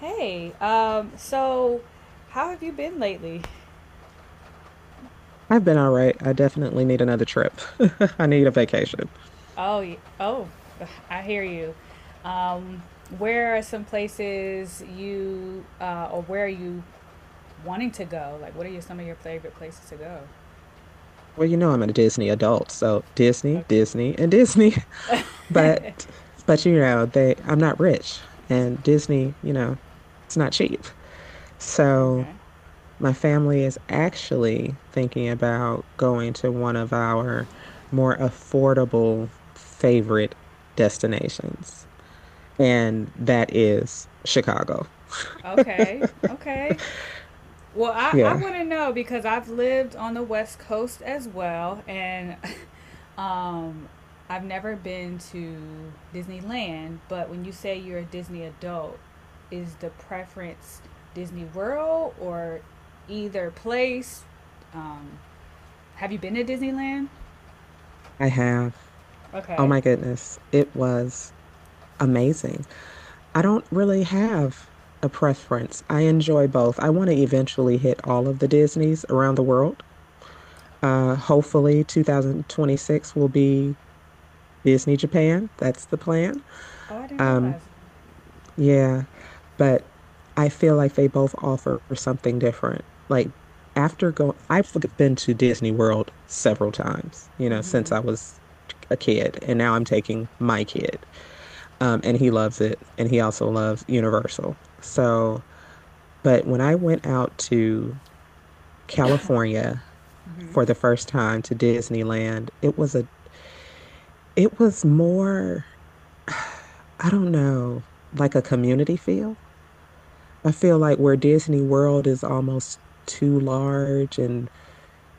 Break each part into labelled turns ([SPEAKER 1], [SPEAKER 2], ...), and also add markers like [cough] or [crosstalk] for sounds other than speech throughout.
[SPEAKER 1] Hey, so how have you been lately?
[SPEAKER 2] I've been all right. I definitely need another trip. [laughs] I need a vacation.
[SPEAKER 1] Oh, [laughs] I hear you. Um, where are some places you, or where are you wanting to go? Like, some of your favorite places to go?
[SPEAKER 2] Well, you know I'm a Disney adult, so Disney,
[SPEAKER 1] Okay.
[SPEAKER 2] Disney, and Disney. [laughs] But but you know, they I'm not rich and Disney, you know, it's not cheap. So
[SPEAKER 1] Okay.
[SPEAKER 2] my family is actually thinking about going to one of our more affordable favorite destinations, and that is Chicago.
[SPEAKER 1] Okay. Okay. Well, I
[SPEAKER 2] Yeah,
[SPEAKER 1] want to know because I've lived on the West Coast as well, and [laughs] um, I've never been to Disneyland. But when you say you're a Disney adult, is the preference Disney World or either place? Um, have you been to Disneyland?
[SPEAKER 2] I have. Oh
[SPEAKER 1] Okay.
[SPEAKER 2] my goodness, it was amazing. I don't really have a preference. I enjoy both. I want to eventually hit all of the Disneys around the world. Hopefully, 2026 will be Disney Japan. That's the plan.
[SPEAKER 1] Oh, I didn't
[SPEAKER 2] Um,
[SPEAKER 1] realize.
[SPEAKER 2] yeah, but I feel like they both offer something different. Like after going, I've been to Disney World several times, you know, since
[SPEAKER 1] Mm-hmm.
[SPEAKER 2] I was a kid, and now I'm taking my kid. And he loves it. And he also loves Universal. So, but when I went out to California
[SPEAKER 1] Mm-hmm.
[SPEAKER 2] for the first time to Disneyland, it was more, [sighs] I don't know, like a community feel. I feel like where Disney World is almost too large and,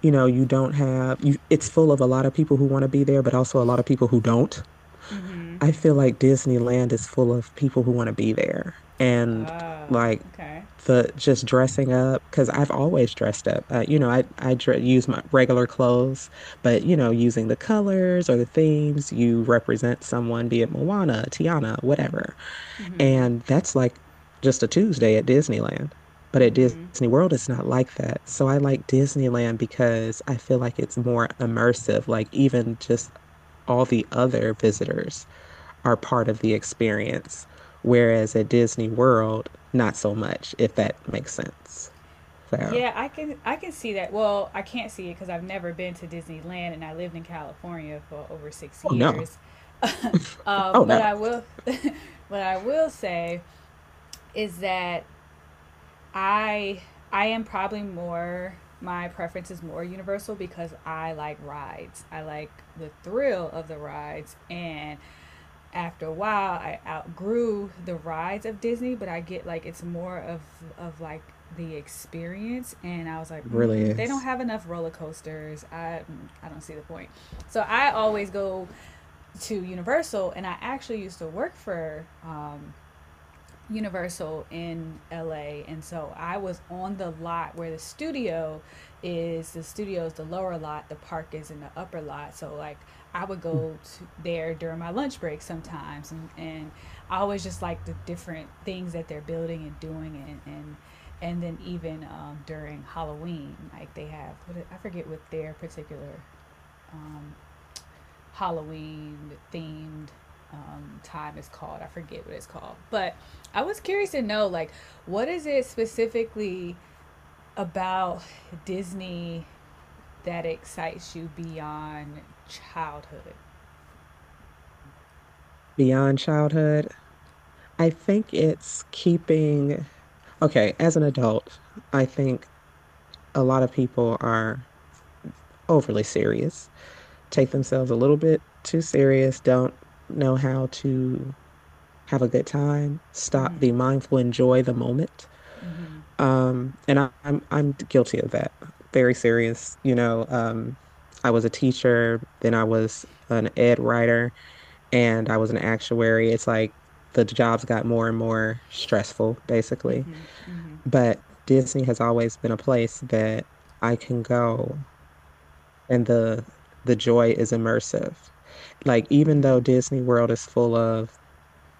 [SPEAKER 2] you know, you don't have, you, it's full of a lot of people who want to be there, but also a lot of people who don't.
[SPEAKER 1] Mm-hmm.
[SPEAKER 2] I feel like Disneyland is full of people who want to be there and
[SPEAKER 1] Oh,
[SPEAKER 2] like
[SPEAKER 1] okay.
[SPEAKER 2] the just dressing up because I've always dressed up. You know, I dre use my regular clothes, but you know, using the colors or the themes, you represent someone, be it Moana, Tiana, whatever.
[SPEAKER 1] Mm-hmm.
[SPEAKER 2] And that's like just a Tuesday at Disneyland. But at
[SPEAKER 1] Mm-hmm.
[SPEAKER 2] Disney World, it's not like that. So I like Disneyland because I feel like it's more immersive, like even just all the other visitors are part of the experience. Whereas at Disney World, not so much, if that makes sense. So,
[SPEAKER 1] Yeah, I can see that. Well, I can't see it because I've never been to Disneyland and I lived in California for over six
[SPEAKER 2] oh no,
[SPEAKER 1] years. [laughs]
[SPEAKER 2] oh no,
[SPEAKER 1] But I
[SPEAKER 2] it
[SPEAKER 1] will. [laughs] What I will say is that I I am probably more. My preference is more universal because I like rides. I like the thrill of the rides and after a while I outgrew the rides of Disney, but I get, like, it's more of like the experience. And I was like,
[SPEAKER 2] really
[SPEAKER 1] they don't
[SPEAKER 2] is.
[SPEAKER 1] have enough roller coasters. I don't see the point. So I always go to Universal, and I actually used to work for Universal in LA, and so I was on the lot where the studio is. The studio is the lower lot, the park is in the upper lot. So like I would
[SPEAKER 2] Mm.
[SPEAKER 1] go to there during my lunch break sometimes, and I always just like the different things that they're building and doing. And then even during Halloween, like they have, what, I forget what their particular Halloween themed time is called. I forget what it's called, but I was curious to know like what is it specifically about Disney that excites you beyond childhood?
[SPEAKER 2] Beyond childhood, I think it's keeping, okay, as an adult, I think a lot of people are overly serious. Take themselves a little bit too serious, don't know how to have a good time, stop,
[SPEAKER 1] Mm-hmm.
[SPEAKER 2] be mindful, enjoy the moment.
[SPEAKER 1] Mm-hmm.
[SPEAKER 2] And I'm guilty of that. Very serious, you know. I was a teacher, then I was an ed writer, and I was an actuary. It's like the jobs got more and more stressful, basically.
[SPEAKER 1] Mm-hmm.
[SPEAKER 2] But Disney has always been a place that I can go, and the joy is immersive. Like even though
[SPEAKER 1] Mm-hmm.
[SPEAKER 2] Disney World is full of,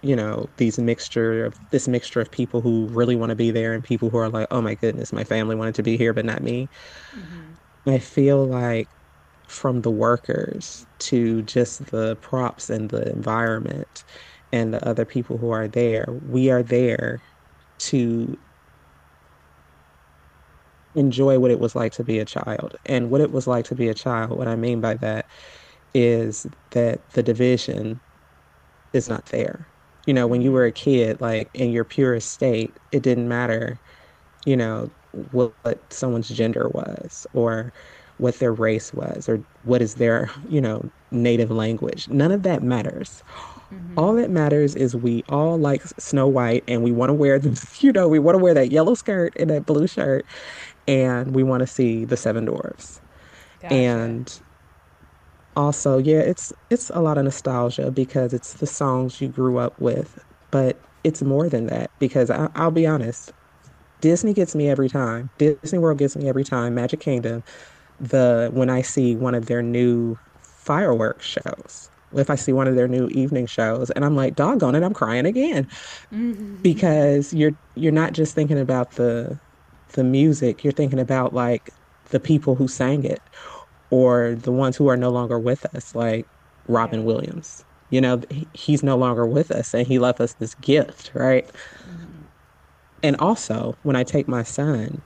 [SPEAKER 2] you know, these mixture of this mixture of people who really want to be there and people who are like, oh my goodness, my family wanted to be here, but not me.
[SPEAKER 1] Mm-hmm.
[SPEAKER 2] I feel like from the workers to just the props and the environment and the other people who are there, we are there to enjoy what it was like to be a child. And what it was like to be a child, what I mean by that is that the division is not fair. You know, when you were
[SPEAKER 1] Mm-hmm.
[SPEAKER 2] a kid, like in your purest state, it didn't matter, you know, what someone's gender was or what their race was or what is their, you know, native language. None of that matters.
[SPEAKER 1] Mm-hmm.
[SPEAKER 2] All
[SPEAKER 1] Mm-hmm.
[SPEAKER 2] that matters is we all like Snow White and we want to wear the, [laughs] you know, we want to wear that yellow skirt and that blue shirt and we want to see the seven dwarfs.
[SPEAKER 1] Gotcha. [laughs]
[SPEAKER 2] And also, yeah, it's a lot of nostalgia because it's the songs you grew up with, but it's more than that because I'll be honest, Disney gets me every time. Disney World gets me every time. Magic Kingdom, the when I see one of their new fireworks shows, if I see one of their new evening shows, and I'm like, doggone it, I'm crying again
[SPEAKER 1] Mm-hmm.
[SPEAKER 2] because you're not just thinking about the music, you're thinking about like the people who sang it or the ones who are no longer with us, like
[SPEAKER 1] Yeah.
[SPEAKER 2] Robin Williams. You know, he's no longer with us and he left us this gift, right?
[SPEAKER 1] Mm-hmm.
[SPEAKER 2] And also, when I take my son,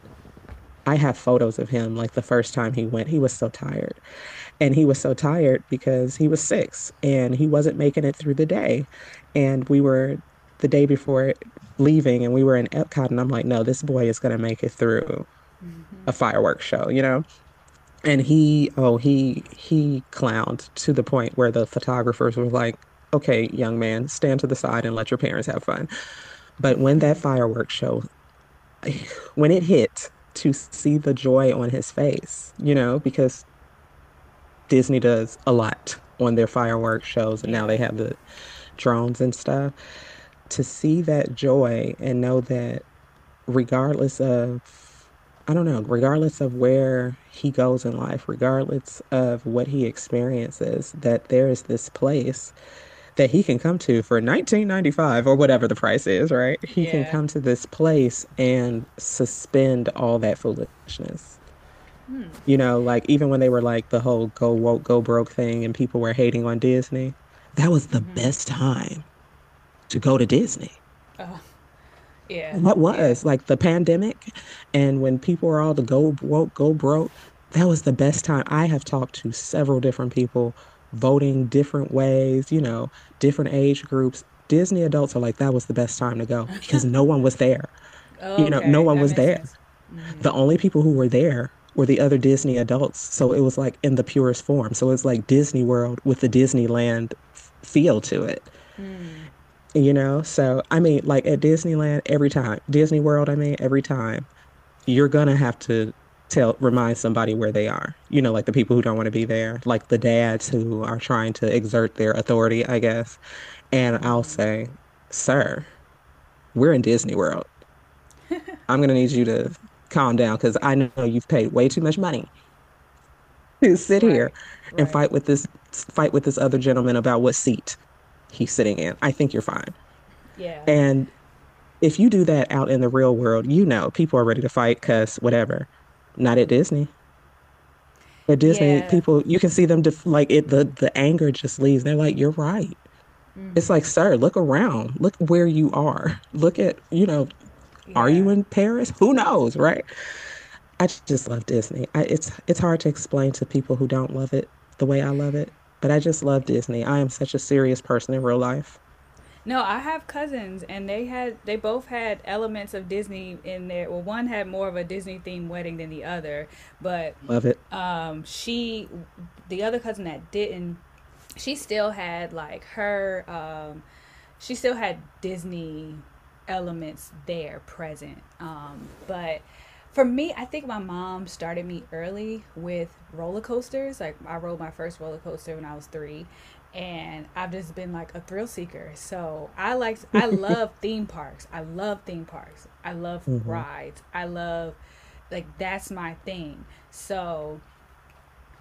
[SPEAKER 2] I have photos of him like the first time he went, he was so tired. And he was so tired because he was six and he wasn't making it through the day. And we were the day before leaving and we were in Epcot. And I'm like, no, this boy is going to make it through a
[SPEAKER 1] Mm-hmm.
[SPEAKER 2] fireworks show, you know? And he oh he clowned to the point where the photographers were like, okay, young man, stand to the side and let your parents have fun. But when that fireworks show, [sighs] [laughs] when it hit, to see the joy on his face, you know, because Disney does a lot on their fireworks shows, and now
[SPEAKER 1] Yeah.
[SPEAKER 2] they have the drones and stuff, to see that joy and know that regardless of, I don't know, regardless of where he goes in life, regardless of what he experiences, that there is this place that he can come to for 1995 or whatever the price is, right? He can
[SPEAKER 1] Yeah.
[SPEAKER 2] come to this place and suspend all that foolishness. You know, like even when they were like the whole go woke, go broke thing and people were hating on Disney, that was the
[SPEAKER 1] Mm-hmm.
[SPEAKER 2] best time to go to Disney.
[SPEAKER 1] Uh, yeah.
[SPEAKER 2] That
[SPEAKER 1] Yeah.
[SPEAKER 2] was like the pandemic. And when people were all the go woke, go broke, that was the best time. I have talked to several different people voting different ways, you know, different age groups. Disney adults are like, that was the best time to go because no one was there. You know, no
[SPEAKER 1] Okay,
[SPEAKER 2] one
[SPEAKER 1] that
[SPEAKER 2] was
[SPEAKER 1] makes
[SPEAKER 2] there.
[SPEAKER 1] sense. Mm-hmm.
[SPEAKER 2] The only people who were there were the other Disney adults. So it was like in the purest form. So it's like Disney World with the Disneyland feel to it,
[SPEAKER 1] Mm.
[SPEAKER 2] you know. So I mean, like at Disneyland every time, Disney World, I mean, every time you're gonna have to tell remind somebody where they are. You know, like the people who don't want to be there, like the dads who are trying to exert their authority, I guess. And I'll
[SPEAKER 1] Mm-hmm.
[SPEAKER 2] say, "Sir, we're in Disney World. I'm gonna need you to calm down because I know you've paid way too much money [laughs] to sit here
[SPEAKER 1] Right.
[SPEAKER 2] and
[SPEAKER 1] Right.
[SPEAKER 2] fight with this other gentleman about what seat he's sitting in. I think you're fine."
[SPEAKER 1] Yeah.
[SPEAKER 2] And if you do that out in the real world, you know people are ready to fight because whatever. Not at Disney. At Disney,
[SPEAKER 1] Yeah.
[SPEAKER 2] people you can see them def like it the anger just leaves. They're like, "You're right." It's like,
[SPEAKER 1] Mm-hmm.
[SPEAKER 2] "Sir, look around. Look where you are. [laughs] Look at, you know, are you
[SPEAKER 1] Yeah.
[SPEAKER 2] in Paris? Who knows, right?" I just love Disney. It's hard to explain to people who don't love it the way I love it, but I just love Disney. I am such a serious person in real life.
[SPEAKER 1] No, I have cousins, and they both had elements of Disney in there. Well, one had more of a Disney themed wedding than the other, but
[SPEAKER 2] Love it.
[SPEAKER 1] um, she, the other cousin that didn't, she still had like her she still had Disney elements there present. But for me, I think my mom started me early with roller coasters. Like I rode my first roller coaster when I was 3, and I've just been like a thrill seeker. So I love
[SPEAKER 2] [laughs]
[SPEAKER 1] theme parks. I love theme parks. I love
[SPEAKER 2] Hmm.
[SPEAKER 1] rides. I love like that's my thing. So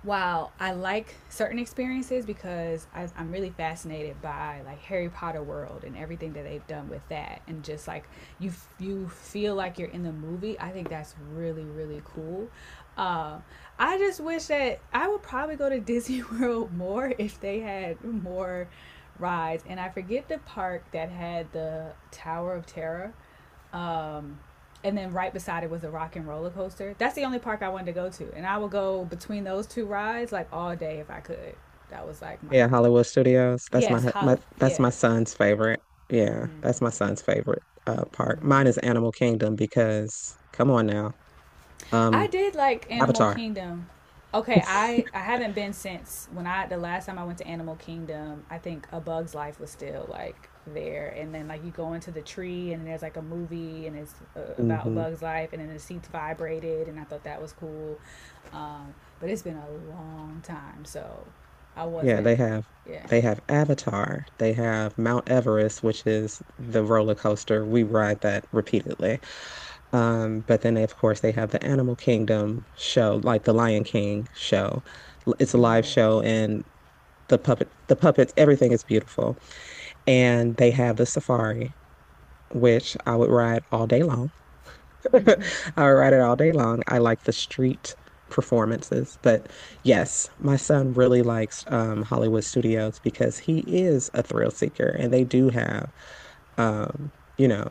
[SPEAKER 1] while I like certain experiences because I'm really fascinated by like Harry Potter world and everything that they've done with that, and just like you you feel like you're in the movie. I think that's really really cool. Uh, I just wish that I would probably go to [laughs] Disney World more if they had more rides. And I forget the park that had the Tower of Terror, um, and then right beside it was a rock and roller coaster. That's the only park I wanted to go to, and I would go between those two rides like all day if I could. That was like my
[SPEAKER 2] Yeah,
[SPEAKER 1] thing.
[SPEAKER 2] Hollywood Studios. That's my,
[SPEAKER 1] Yes,
[SPEAKER 2] hu-
[SPEAKER 1] how?
[SPEAKER 2] my that's
[SPEAKER 1] Yeah,
[SPEAKER 2] my son's favorite. Yeah, that's my son's favorite park. Mine is Animal Kingdom because come on now.
[SPEAKER 1] I
[SPEAKER 2] Um,
[SPEAKER 1] did like Animal
[SPEAKER 2] Avatar.
[SPEAKER 1] Kingdom. Okay, I haven't been since when I the last time I went to Animal Kingdom. I think A Bug's Life was still like there, and then like you go into the tree and there's like a movie and it's, about A
[SPEAKER 2] Hmm
[SPEAKER 1] Bug's Life, and then the seats vibrated, and I thought that was cool. Um, but it's been a long time, so I
[SPEAKER 2] Yeah,
[SPEAKER 1] wasn't. Yeah.
[SPEAKER 2] they have Avatar, they have Mount Everest, which is the roller coaster. We ride that repeatedly. But then they, of course they have the Animal Kingdom show, like the Lion King show. L- It's a live
[SPEAKER 1] Mm.
[SPEAKER 2] show and the puppets, everything is beautiful. And they have the safari, which I would ride all day long.
[SPEAKER 1] Mm-hmm.
[SPEAKER 2] [laughs] I ride it all day long. I like the street performances, but yes, my son really likes Hollywood Studios because he is a thrill seeker, and they do have, um, you know,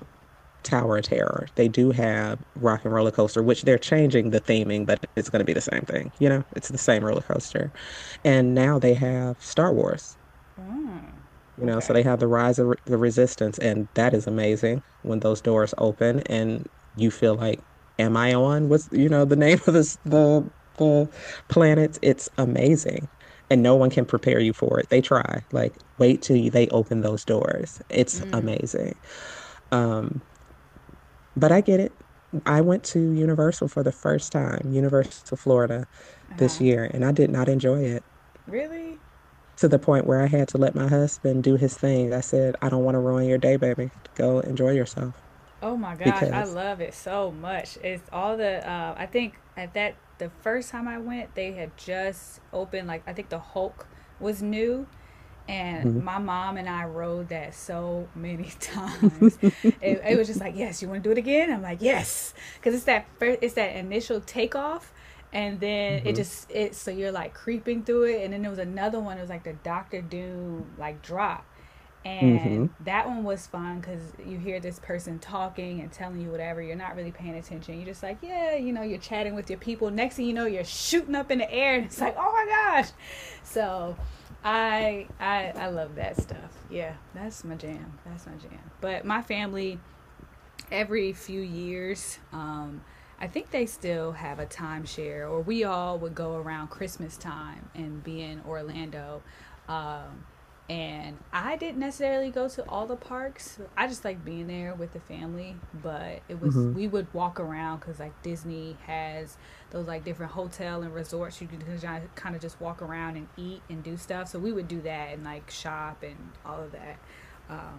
[SPEAKER 2] Tower of Terror. They do have Rock and Roller Coaster, which they're changing the theming, but it's going to be the same thing. You know, it's the same roller coaster, and now they have Star Wars.
[SPEAKER 1] Mm.
[SPEAKER 2] You know, so
[SPEAKER 1] Okay.
[SPEAKER 2] they have the rise of the resistance, and that is amazing when those doors open and you feel like, am I on? What's, you know, the name of this, the planet? It's amazing. And no one can prepare you for it. They try. Like, wait till you, they open those doors. It's
[SPEAKER 1] Mm.
[SPEAKER 2] amazing. Um, but I get it. I went to Universal for the first time, Universal Florida
[SPEAKER 1] Uh
[SPEAKER 2] this
[SPEAKER 1] huh.
[SPEAKER 2] year, and I did not enjoy it
[SPEAKER 1] Really?
[SPEAKER 2] to the point where I had to let my husband do his thing. I said, I don't want to ruin your day, baby. Go enjoy yourself
[SPEAKER 1] Oh my gosh, I
[SPEAKER 2] because.
[SPEAKER 1] love it so much. It's all the, I think at that the first time I went, they had just opened like I think the Hulk was new, and
[SPEAKER 2] Mhm.
[SPEAKER 1] my mom and I rode that so many [laughs] times. It was just
[SPEAKER 2] Mhm.
[SPEAKER 1] like, "Yes, you want to do it again?" I'm like, "Yes." Cuz it's that initial takeoff, and then it just, it, so you're like creeping through it. And then there was another one, it was like the Doctor Doom like drop,
[SPEAKER 2] Mhm.
[SPEAKER 1] and
[SPEAKER 2] Mhm.
[SPEAKER 1] that one was fun because you hear this person talking and telling you whatever, you're not really paying attention, you're just like, yeah, you're chatting with your people, next thing you know you're shooting up in the air and it's like, oh my gosh. So I love that stuff. Yeah, that's my jam, that's my jam. But my family every few years. I think they still have a timeshare, or we all would go around Christmas time and be in Orlando. Um, and I didn't necessarily go to all the parks. I just like being there with the family, but it was we
[SPEAKER 2] [laughs]
[SPEAKER 1] would walk around because like Disney has those like different hotel and resorts, you can kind of just walk around and eat and do stuff. So we would do that and like shop and all of that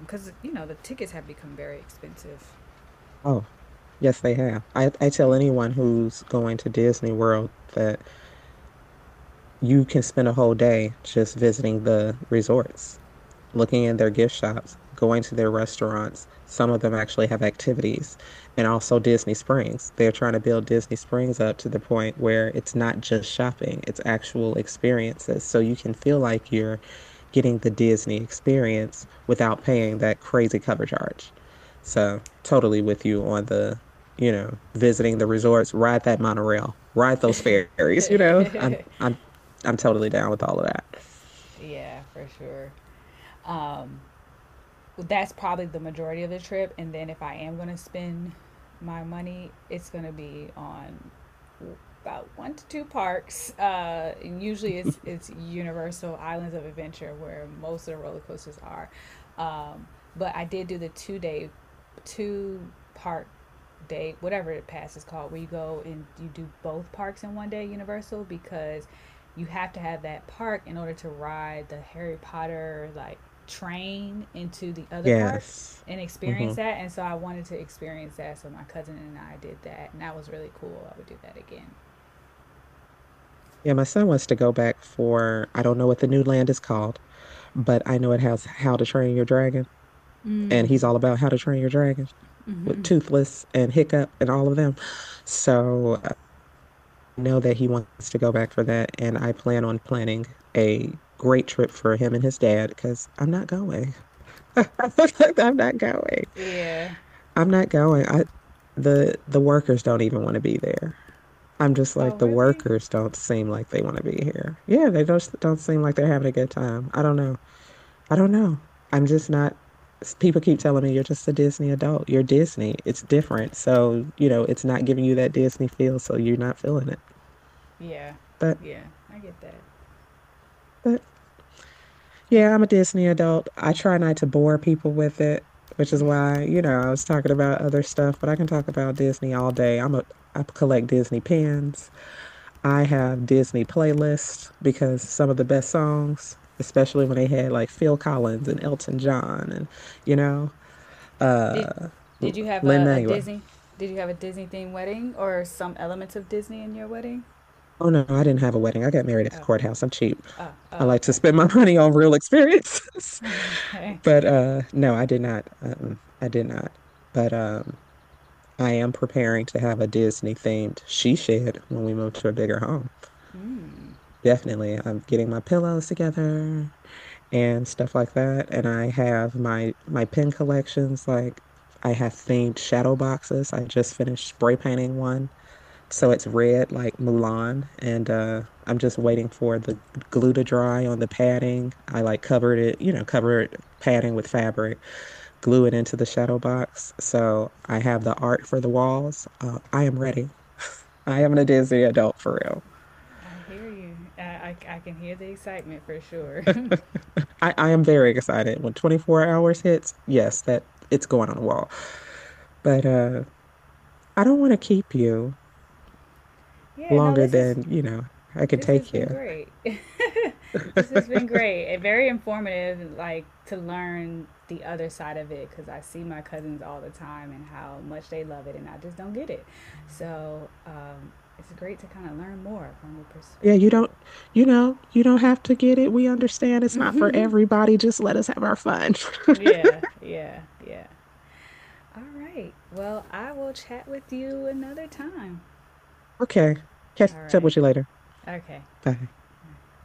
[SPEAKER 1] because you know the tickets have become very expensive.
[SPEAKER 2] Oh, yes, they have. I tell
[SPEAKER 1] [laughs]
[SPEAKER 2] anyone who's going to Disney World that you can spend a whole day just visiting the resorts, looking in their gift shops, going to their restaurants. Some of them actually have activities, and also Disney Springs. They're trying to build Disney Springs up to the point where it's not just shopping, it's actual experiences. So you can feel like you're getting the Disney experience without paying that crazy cover charge. So, totally with you on the, you know, visiting the resorts, ride that monorail, ride those ferries, you know. I'm totally down with all of that.
[SPEAKER 1] Yeah, for sure. Um, that's probably the majority of the trip. And then if I am going to spend my money, it's going to be on about one to two parks. And usually it's Universal Islands of Adventure where most of the roller coasters are. Um, but I did do the 2-day, two park day, whatever the pass is called, where you go and you do both parks in one day, Universal, because you have to have that park in order to ride the Harry Potter like train into the other park
[SPEAKER 2] Yes.
[SPEAKER 1] and experience
[SPEAKER 2] Hmm.
[SPEAKER 1] that. And so I wanted to experience that. So my cousin and I did that, and that was really cool. I would do that again.
[SPEAKER 2] Yeah, my son wants to go back for, I don't know what the new land is called, but I know it has How to Train Your Dragon. And he's
[SPEAKER 1] Mm.
[SPEAKER 2] all about How to Train Your Dragon with Toothless and Hiccup and all of them. So I know that he wants to go back for that. And I plan on planning a great trip for him and his dad because I'm not going. [laughs] I'm not going.
[SPEAKER 1] Yeah.
[SPEAKER 2] I'm not going. The workers don't even want to be there. I'm just
[SPEAKER 1] Oh,
[SPEAKER 2] like the
[SPEAKER 1] really?
[SPEAKER 2] workers don't seem like they want to be here. Yeah, they don't seem like they're having a good time. I don't know. I don't know. I'm just not. People keep telling me you're just a Disney adult. You're Disney. It's different. So, you know, it's not giving you that Disney feel, so you're not feeling it.
[SPEAKER 1] Yeah.
[SPEAKER 2] But
[SPEAKER 1] Yeah, I get that.
[SPEAKER 2] but yeah, I'm a Disney adult. I try not to bore people with it, which is why, you know, I was talking about other stuff, but I can talk about Disney all day. I collect Disney pins. I have Disney playlists because some of the best songs, especially when they had like Phil Collins and Elton John and, you know,
[SPEAKER 1] Did
[SPEAKER 2] uh
[SPEAKER 1] Did you have a
[SPEAKER 2] Lin-Manuel.
[SPEAKER 1] Disney? Did you have a Disney themed wedding or some elements of Disney in your wedding?
[SPEAKER 2] Oh no, I didn't have a wedding. I got married at the
[SPEAKER 1] Oh.
[SPEAKER 2] courthouse. I'm cheap.
[SPEAKER 1] Oh.
[SPEAKER 2] I
[SPEAKER 1] Oh.
[SPEAKER 2] like to
[SPEAKER 1] Okay. [laughs]
[SPEAKER 2] spend [laughs] my money on real experiences. [laughs]
[SPEAKER 1] Okay.
[SPEAKER 2] But no, I did not. I did not. But I am preparing to have a Disney themed she shed when we move to a bigger home.
[SPEAKER 1] Mm.
[SPEAKER 2] Definitely. I'm getting my pillows together and stuff like that. And I have my pen collections. Like I have themed shadow boxes. I just finished spray painting one, so it's red like Mulan. And I'm just waiting for the glue to dry on the padding. I like covered it, you know, covered padding with fabric, glue it into the shadow box. So I have the art for the walls. I am ready. I am a Disney adult for real.
[SPEAKER 1] I hear you. I can hear the excitement for sure. [laughs]
[SPEAKER 2] I am very excited when 24 hours hits. Yes, that it's going on the wall. But I don't want to keep you
[SPEAKER 1] Yeah, no,
[SPEAKER 2] longer than, you know, I can
[SPEAKER 1] this has
[SPEAKER 2] take
[SPEAKER 1] been
[SPEAKER 2] you.
[SPEAKER 1] great. [laughs] This has been great. And very informative, like to learn the other side of it because I see my cousins all the time and how much they love it, and I just don't get it. So it's great to kind of learn more from the
[SPEAKER 2] Yeah, you
[SPEAKER 1] perspective.
[SPEAKER 2] don't, you know, you don't have to get it. We understand it's not for everybody. Just let us have our fun. [laughs]
[SPEAKER 1] Yeah, yeah, yeah. All right. Well, I will chat with you another time.
[SPEAKER 2] Okay. Catch
[SPEAKER 1] All
[SPEAKER 2] up
[SPEAKER 1] right.
[SPEAKER 2] with you later.
[SPEAKER 1] Okay.
[SPEAKER 2] Bye.